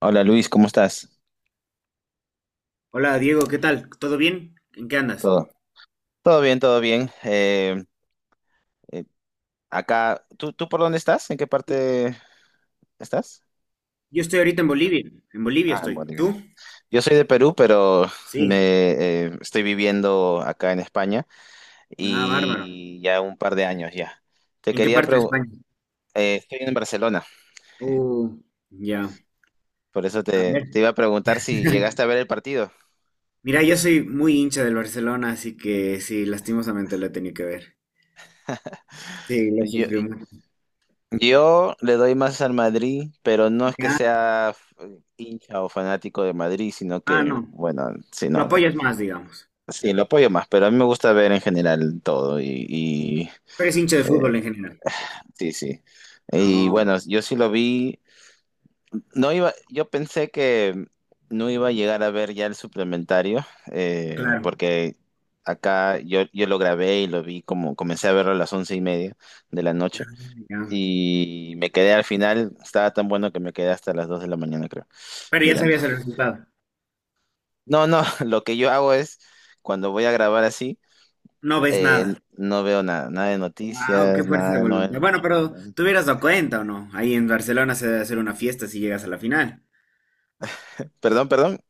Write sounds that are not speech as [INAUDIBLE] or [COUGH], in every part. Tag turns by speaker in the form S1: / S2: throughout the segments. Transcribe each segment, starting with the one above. S1: Hola Luis, ¿cómo estás?
S2: Hola Diego, ¿qué tal? ¿Todo bien? ¿En qué andas?
S1: Todo. Todo bien, todo bien. Eh, acá, ¿¿tú por dónde estás? ¿En qué parte estás?
S2: Yo estoy ahorita en Bolivia. En Bolivia
S1: Ah, en
S2: estoy.
S1: Bolivia.
S2: ¿Tú?
S1: Yo soy de Perú, pero me
S2: Sí.
S1: estoy viviendo acá en España
S2: Ah, bárbaro.
S1: y ya un par de años ya. Te
S2: ¿En qué
S1: quería
S2: parte de
S1: preguntar,
S2: España?
S1: estoy en Barcelona,
S2: Uh, ya.
S1: por eso
S2: A
S1: te,
S2: ver.
S1: te iba a preguntar si llegaste a
S2: [LAUGHS]
S1: ver el partido.
S2: Mira, yo soy muy hincha del Barcelona, así que sí, lastimosamente lo he tenido que ver. Sí, lo
S1: Yo,
S2: sufrió mucho.
S1: yo le doy más al Madrid, pero no es que
S2: Ah,
S1: sea hincha o fanático de Madrid, sino
S2: ah,
S1: que,
S2: no.
S1: bueno, sí,
S2: Lo
S1: no.
S2: apoyas más, digamos.
S1: Sí, lo apoyo más, pero a mí me gusta ver en general todo y,
S2: Pero es hincha de fútbol en
S1: eh,
S2: general.
S1: sí, sí. Y
S2: No,
S1: bueno, yo sí lo vi. No iba, yo pensé que no iba a llegar a ver ya el suplementario,
S2: claro.
S1: porque acá yo lo grabé y lo vi comencé a verlo a las once y media de la noche
S2: Ah, ya.
S1: y me quedé al final, estaba tan bueno que me quedé hasta las dos de la mañana, creo,
S2: Pero ya
S1: mirando.
S2: sabías el resultado.
S1: No. [LAUGHS] Lo que yo hago es cuando voy a grabar así.
S2: No ves
S1: Eh,
S2: nada.
S1: no veo nada, nada de
S2: Wow, qué
S1: noticias,
S2: fuerza de
S1: nada de
S2: voluntad. Bueno, pero te hubieras dado cuenta o no. Ahí en Barcelona se debe hacer una fiesta si llegas a la final.
S1: perdón, perdón.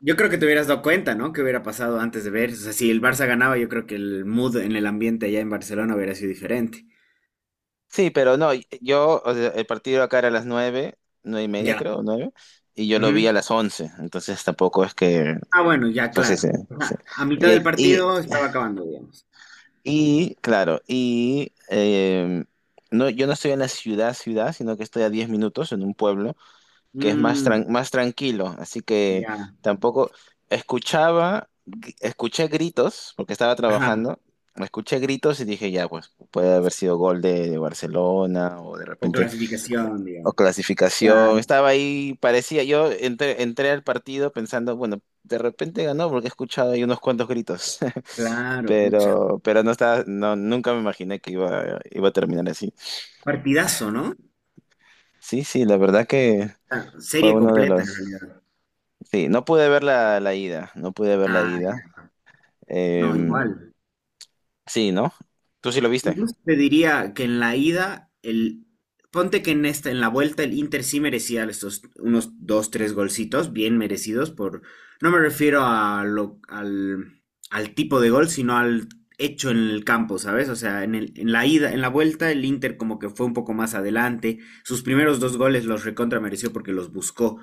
S2: Yo creo que te hubieras dado cuenta, ¿no? ¿Qué hubiera pasado antes de ver? O sea, si el Barça ganaba, yo creo que el mood en el ambiente allá en Barcelona hubiera sido diferente.
S1: Sí, pero no, yo, o sea, el partido acá era a las nueve, nueve y media
S2: Ya.
S1: creo, nueve, y yo lo vi
S2: Ujú.
S1: a las once, entonces tampoco es que,
S2: Ah, bueno, ya,
S1: pues sí,
S2: claro.
S1: sí, sí.
S2: Ajá, a mitad del
S1: Y, y,
S2: partido estaba acabando, digamos.
S1: y, claro, y no, yo no estoy en la ciudad, sino que estoy a diez minutos en un pueblo, que es más,
S2: Mm,
S1: más tranquilo, así que
S2: ya.
S1: tampoco escuchaba, escuché gritos, porque estaba
S2: Ajá.
S1: trabajando, escuché gritos y dije, ya, pues puede haber sido gol de Barcelona o de
S2: O
S1: repente,
S2: clasificación,
S1: o
S2: digamos. Cla-
S1: clasificación, estaba ahí, parecía, yo entré al partido pensando, bueno, de repente ganó porque he escuchado ahí unos cuantos gritos. [LAUGHS]
S2: Claro, pucha.
S1: Pero no estaba, no, nunca me imaginé que iba a terminar así.
S2: Partidazo, ¿no?
S1: Sí, sí, la verdad que
S2: Ah,
S1: fue
S2: serie
S1: uno de
S2: completa en
S1: los,
S2: realidad.
S1: sí, no pude ver la, la ida, no pude ver la
S2: Ah,
S1: ida.
S2: ya. No,
S1: Em,
S2: igual.
S1: sí, ¿no? ¿Tú sí lo viste?
S2: Incluso te diría que en la ida, ponte que en esta, en la vuelta el Inter sí merecía estos unos dos, tres golcitos bien merecidos por, no me refiero a al tipo de gol, sino al hecho en el campo, ¿sabes? O sea, en la ida, en la vuelta el Inter como que fue un poco más adelante, sus primeros dos goles los recontra mereció porque los buscó,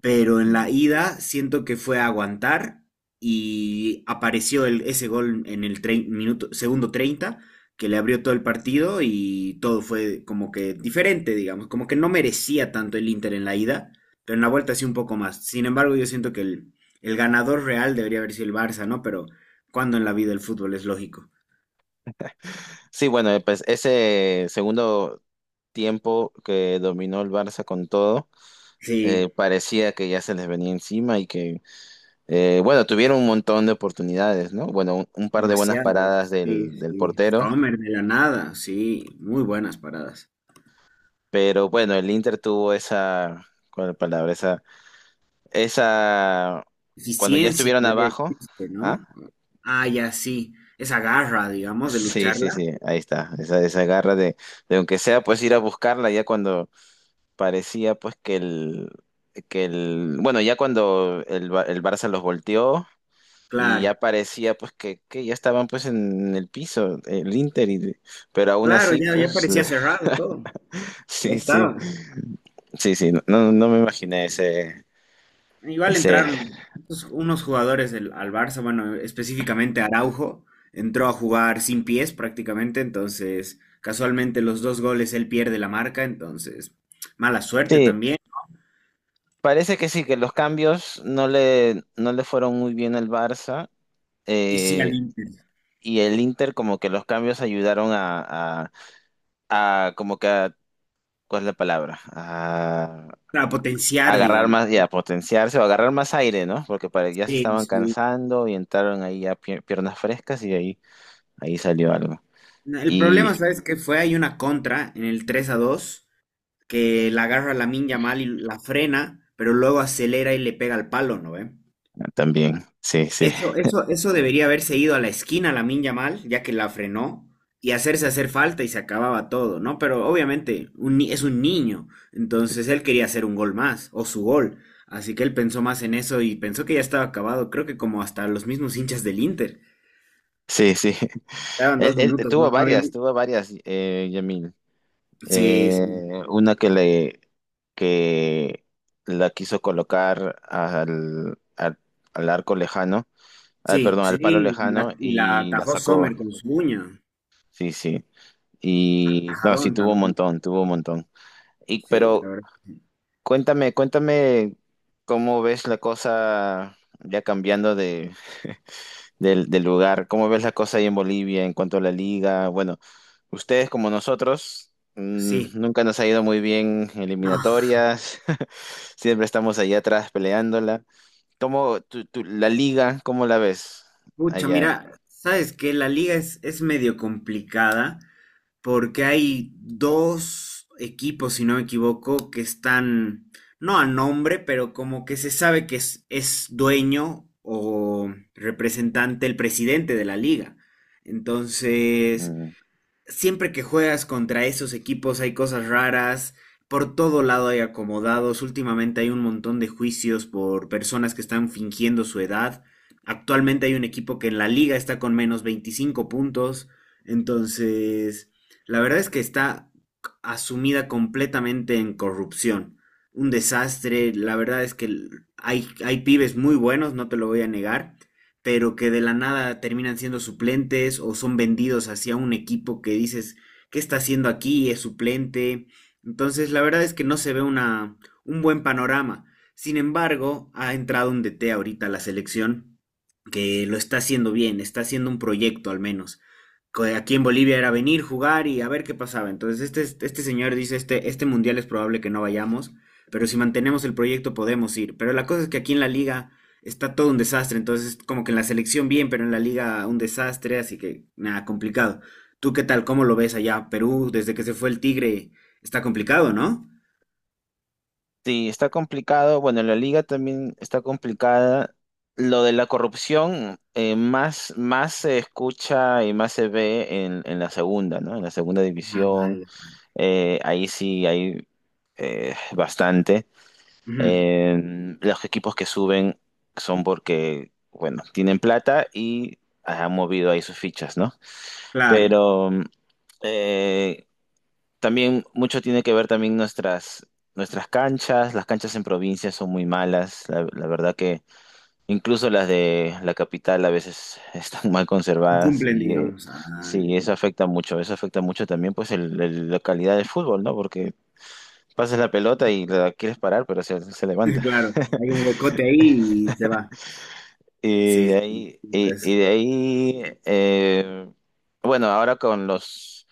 S2: pero en la ida siento que fue a aguantar y apareció ese gol en el minuto, segundo 30 que le abrió todo el partido y todo fue como que diferente, digamos, como que no merecía tanto el Inter en la ida, pero en la vuelta sí un poco más. Sin embargo, yo siento que el ganador real debería haber sido el Barça, ¿no? Pero cuando en la vida el fútbol es lógico.
S1: Sí, bueno, pues ese segundo tiempo que dominó el Barça con todo,
S2: Sí,
S1: parecía que ya se les venía encima y que, bueno, tuvieron un montón de oportunidades, ¿no? Bueno, un par de buenas paradas
S2: demasiadas. Sí,
S1: del, del
S2: sí.
S1: portero,
S2: Sommer de la nada, sí, muy buenas paradas.
S1: pero bueno, el Inter tuvo esa, ¿cuál es la palabra? Esa, cuando ya
S2: Eficiencia,
S1: estuvieron
S2: podría
S1: abajo,
S2: decirse,
S1: ¿ah?
S2: ¿no? Ah, ya sí, esa garra, digamos, de
S1: Sí, sí,
S2: lucharla.
S1: sí, ahí está, esa garra de aunque sea pues ir a buscarla ya cuando parecía pues que el, bueno, ya cuando el, el Barça los volteó y
S2: Claro,
S1: ya parecía pues que ya estaban pues en el piso, el Inter, y pero aún
S2: claro,
S1: así
S2: ya, ya
S1: pues
S2: parecía cerrado todo.
S1: [LAUGHS]
S2: Ya
S1: sí, sí,
S2: estaba.
S1: sí, sí, no, no me imaginé ese,
S2: Igual
S1: ese,
S2: entraron pues, unos jugadores al Barça, bueno, específicamente Araujo, entró a jugar sin pies prácticamente, entonces casualmente los dos goles él pierde la marca, entonces mala suerte
S1: sí,
S2: también.
S1: parece que sí, que los cambios no le, no le fueron muy bien al Barça.
S2: Y sí al
S1: eh,
S2: Inter,
S1: y el Inter como que los cambios ayudaron a como que a, ¿cuál es la palabra?
S2: para
S1: A
S2: potenciar,
S1: agarrar
S2: digamos.
S1: más y a potenciarse o agarrar más aire, ¿no? Porque ya se
S2: Sí,
S1: estaban
S2: sí.
S1: cansando y entraron ahí ya piernas frescas y ahí, ahí salió algo.
S2: El problema,
S1: Y
S2: ¿sabes qué fue? Hay una contra en el 3-2 que la agarra Lamine mal y la frena, pero luego acelera y le pega al palo, ¿no ve?
S1: también, sí, sí,
S2: Eso debería haberse ido a la esquina Lamin Yamal, ya que la frenó, y hacerse hacer falta y se acababa todo, ¿no? Pero obviamente un ni- es un niño, entonces él quería hacer un gol más, o su gol. Así que él pensó más en eso y pensó que ya estaba acabado, creo que como hasta los mismos hinchas del Inter.
S1: sí, sí. [LAUGHS]
S2: Quedaban
S1: Él,
S2: dos
S1: él
S2: minutos, no, no había mucho.
S1: tuvo varias, Yamil.
S2: Sí, sí,
S1: Una que le que la quiso colocar al, al al arco lejano
S2: sí,
S1: perdón,
S2: sí,
S1: al palo
S2: y
S1: lejano
S2: la, y la
S1: y la
S2: atajó
S1: sacó.
S2: Sommer con su uña.
S1: Sí, sí. Y no, sí,
S2: Atajadón
S1: tuvo un
S2: también.
S1: montón, tuvo un montón. Y,
S2: Sí, la
S1: pero
S2: verdad. Sí.
S1: cuéntame, cuéntame cómo ves la cosa ya cambiando de, del del lugar, cómo ves la cosa ahí en Bolivia en cuanto a la liga. Bueno, ustedes como nosotros,
S2: Sí.
S1: nunca nos ha ido muy bien
S2: No.
S1: eliminatorias, [LAUGHS] siempre estamos allá atrás peleándola. ¿Cómo la liga, cómo la ves
S2: Pucha,
S1: allá?
S2: mira, sabes que la liga es medio complicada porque hay dos equipos, si no me equivoco, que están, no a nombre, pero como que se sabe que es dueño o representante el presidente de la liga. Entonces,
S1: Mm.
S2: siempre que juegas contra esos equipos hay cosas raras. Por todo lado hay acomodados. Últimamente hay un montón de juicios por personas que están fingiendo su edad. Actualmente hay un equipo que en la liga está con -25 puntos. Entonces, la verdad es que está asumida completamente en corrupción. Un desastre. La verdad es que hay pibes muy buenos, no te lo voy a negar, pero que de la nada terminan siendo suplentes o son vendidos hacia un equipo que dices, ¿qué está haciendo aquí? Es suplente. Entonces, la verdad es que no se ve un buen panorama. Sin embargo, ha entrado un DT ahorita a la selección que lo está haciendo bien, está haciendo un proyecto al menos. Que aquí en Bolivia era venir, jugar y a ver qué pasaba. Entonces, este señor dice, este mundial es probable que no vayamos, pero si mantenemos el proyecto podemos ir. Pero la cosa es que aquí en la liga está todo un desastre. Entonces, como que en la selección bien, pero en la liga un desastre, así que nada, complicado. ¿Tú qué tal? ¿Cómo lo ves allá? Perú, desde que se fue el Tigre, está complicado, ¿no?
S1: Sí, está complicado. Bueno, la liga también está complicada. Lo de la corrupción más, más se escucha y más se ve en la segunda, ¿no? En la segunda
S2: Ah,
S1: división.
S2: ya.
S1: Ahí sí hay bastante.
S2: Ujú,
S1: Eh, los equipos que suben son porque, bueno, tienen plata y han movido ahí sus fichas, ¿no?
S2: claro,
S1: Pero eh, también mucho tiene que ver también nuestras, nuestras canchas. Las canchas en provincia son muy malas. La verdad que incluso las de la capital a veces están [LAUGHS] mal
S2: no
S1: conservadas
S2: cumplen,
S1: y
S2: digamos. Ah, ya.
S1: sí, eso afecta mucho. Eso afecta mucho también pues la calidad del fútbol, ¿no? Porque pasas la pelota y la quieres parar, pero se
S2: [LAUGHS]
S1: levanta.
S2: Claro, hay un
S1: [LAUGHS]
S2: huecote ahí y se va.
S1: Y de
S2: Sí,
S1: ahí,
S2: sí,
S1: y
S2: eso,
S1: de ahí bueno, ahora con los...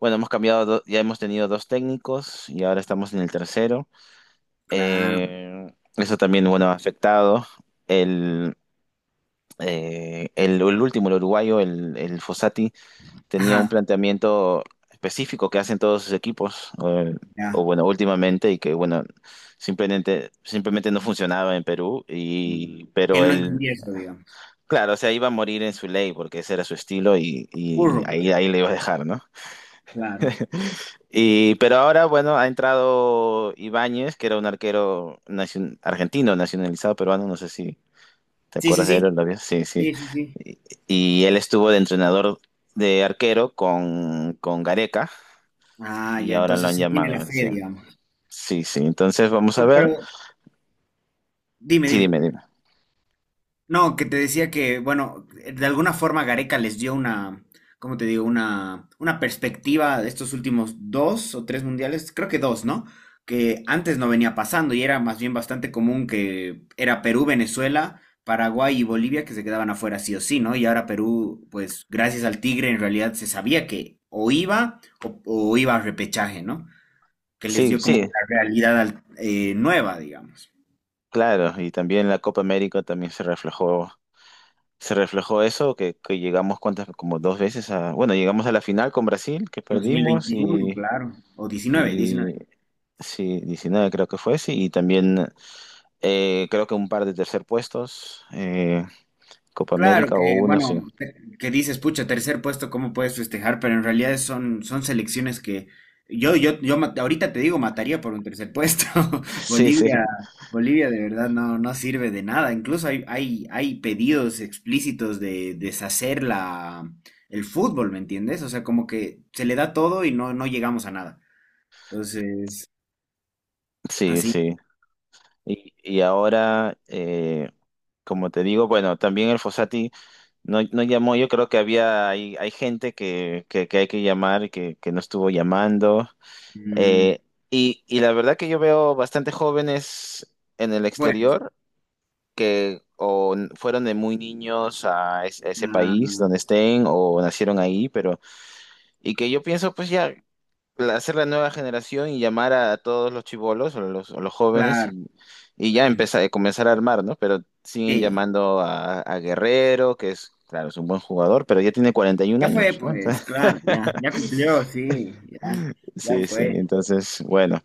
S1: Bueno, hemos cambiado, ya hemos tenido dos técnicos y ahora estamos en el tercero.
S2: claro.
S1: Eh, eso también, bueno, ha afectado. El, el último, el uruguayo, el Fossati, tenía un
S2: Ajá,
S1: planteamiento específico que hacen todos sus equipos, o
S2: ya.
S1: bueno, últimamente, y que bueno, simplemente, simplemente no funcionaba en Perú,
S2: Mm.
S1: y, pero
S2: Él no
S1: él,
S2: entendía eso, digamos.
S1: claro, o sea, iba a morir en su ley, porque ese era su estilo, y
S2: Burro, pues,
S1: ahí, ahí le iba a dejar, ¿no?
S2: claro.
S1: Y, pero ahora, bueno, ha entrado Ibáñez, que era un arquero argentino, nacionalizado peruano, no sé si ¿te
S2: Sí, sí,
S1: acuerdas de
S2: sí.
S1: él, Olavio? Sí, sí.
S2: Sí, sí, sí.
S1: Y, y él estuvo de entrenador de arquero con Gareca
S2: Ah,
S1: y
S2: ya,
S1: ahora lo
S2: entonces
S1: han
S2: sí tiene
S1: llamado,
S2: la
S1: él,
S2: fe,
S1: sí.
S2: digamos.
S1: Sí, sí. Entonces vamos a
S2: Pero
S1: ver.
S2: dime,
S1: Sí,
S2: dime.
S1: dime, dime.
S2: No, que te decía que, bueno, de alguna forma Gareca les dio una, ¿cómo te digo? Una perspectiva de estos últimos dos o tres mundiales, creo que dos, ¿no? Que antes no venía pasando y era más bien bastante común que era Perú, Venezuela, Paraguay y Bolivia que se quedaban afuera sí o sí, ¿no? Y ahora Perú, pues gracias al Tigre en realidad se sabía que o iba a repechaje, ¿no? Que les
S1: Sí,
S2: dio como
S1: sí,
S2: una realidad nueva, digamos.
S1: claro. Y también la Copa América también se reflejó eso, que llegamos cuántas, como dos veces a, bueno, llegamos a la final con Brasil, que
S2: dos mil
S1: perdimos,
S2: veintiuno, claro, o 19,
S1: y
S2: 19.
S1: sí, 19 creo que fue, sí, y también creo que un par de tercer puestos, Copa
S2: Claro
S1: América o
S2: que,
S1: uno, sí.
S2: bueno, que dices, pucha, tercer puesto, ¿cómo puedes festejar? Pero en realidad son selecciones que yo ahorita te digo, mataría por un tercer puesto. [LAUGHS]
S1: Sí, sí,
S2: Bolivia, Bolivia de verdad no, no sirve de nada. Incluso hay pedidos explícitos de deshacer el fútbol, ¿me entiendes? O sea, como que se le da todo y no, no llegamos a nada. Entonces,
S1: sí,
S2: así.
S1: sí. Y ahora, como te digo, bueno, también el Fossati no, no llamó, yo creo que había, hay gente que hay que llamar, que no estuvo llamando.
S2: Mm,
S1: Eh, y la verdad que yo veo bastante jóvenes en el
S2: bueno,
S1: exterior que o fueron de muy niños a, a ese país
S2: ah,
S1: donde estén o nacieron ahí, pero, y que yo pienso, pues ya. Hacer la nueva generación y llamar a todos los chibolos o los jóvenes
S2: claro.
S1: y ya empezar, comenzar a armar, ¿no? Pero siguen
S2: Sí,
S1: llamando a Guerrero, que es, claro, es un buen jugador, pero ya tiene 41
S2: ya fue,
S1: años, ¿no?
S2: pues,
S1: Entonces,
S2: claro, ya,
S1: [LAUGHS]
S2: ya cumplió, sí, ya, ya
S1: sí, sí,
S2: fue.
S1: entonces, bueno,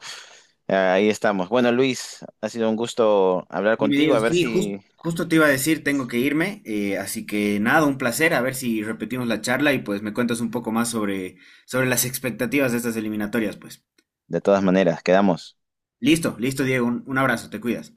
S1: ahí estamos. Bueno, Luis, ha sido un gusto hablar
S2: Y me
S1: contigo,
S2: digo,
S1: a ver
S2: sí,
S1: si,
S2: justo te iba a decir, tengo que irme, así que nada, un placer, a ver si repetimos la charla y pues me cuentas un poco más sobre, sobre las expectativas de estas eliminatorias, pues.
S1: de todas maneras, quedamos.
S2: Listo, listo, Diego, un abrazo, te cuidas.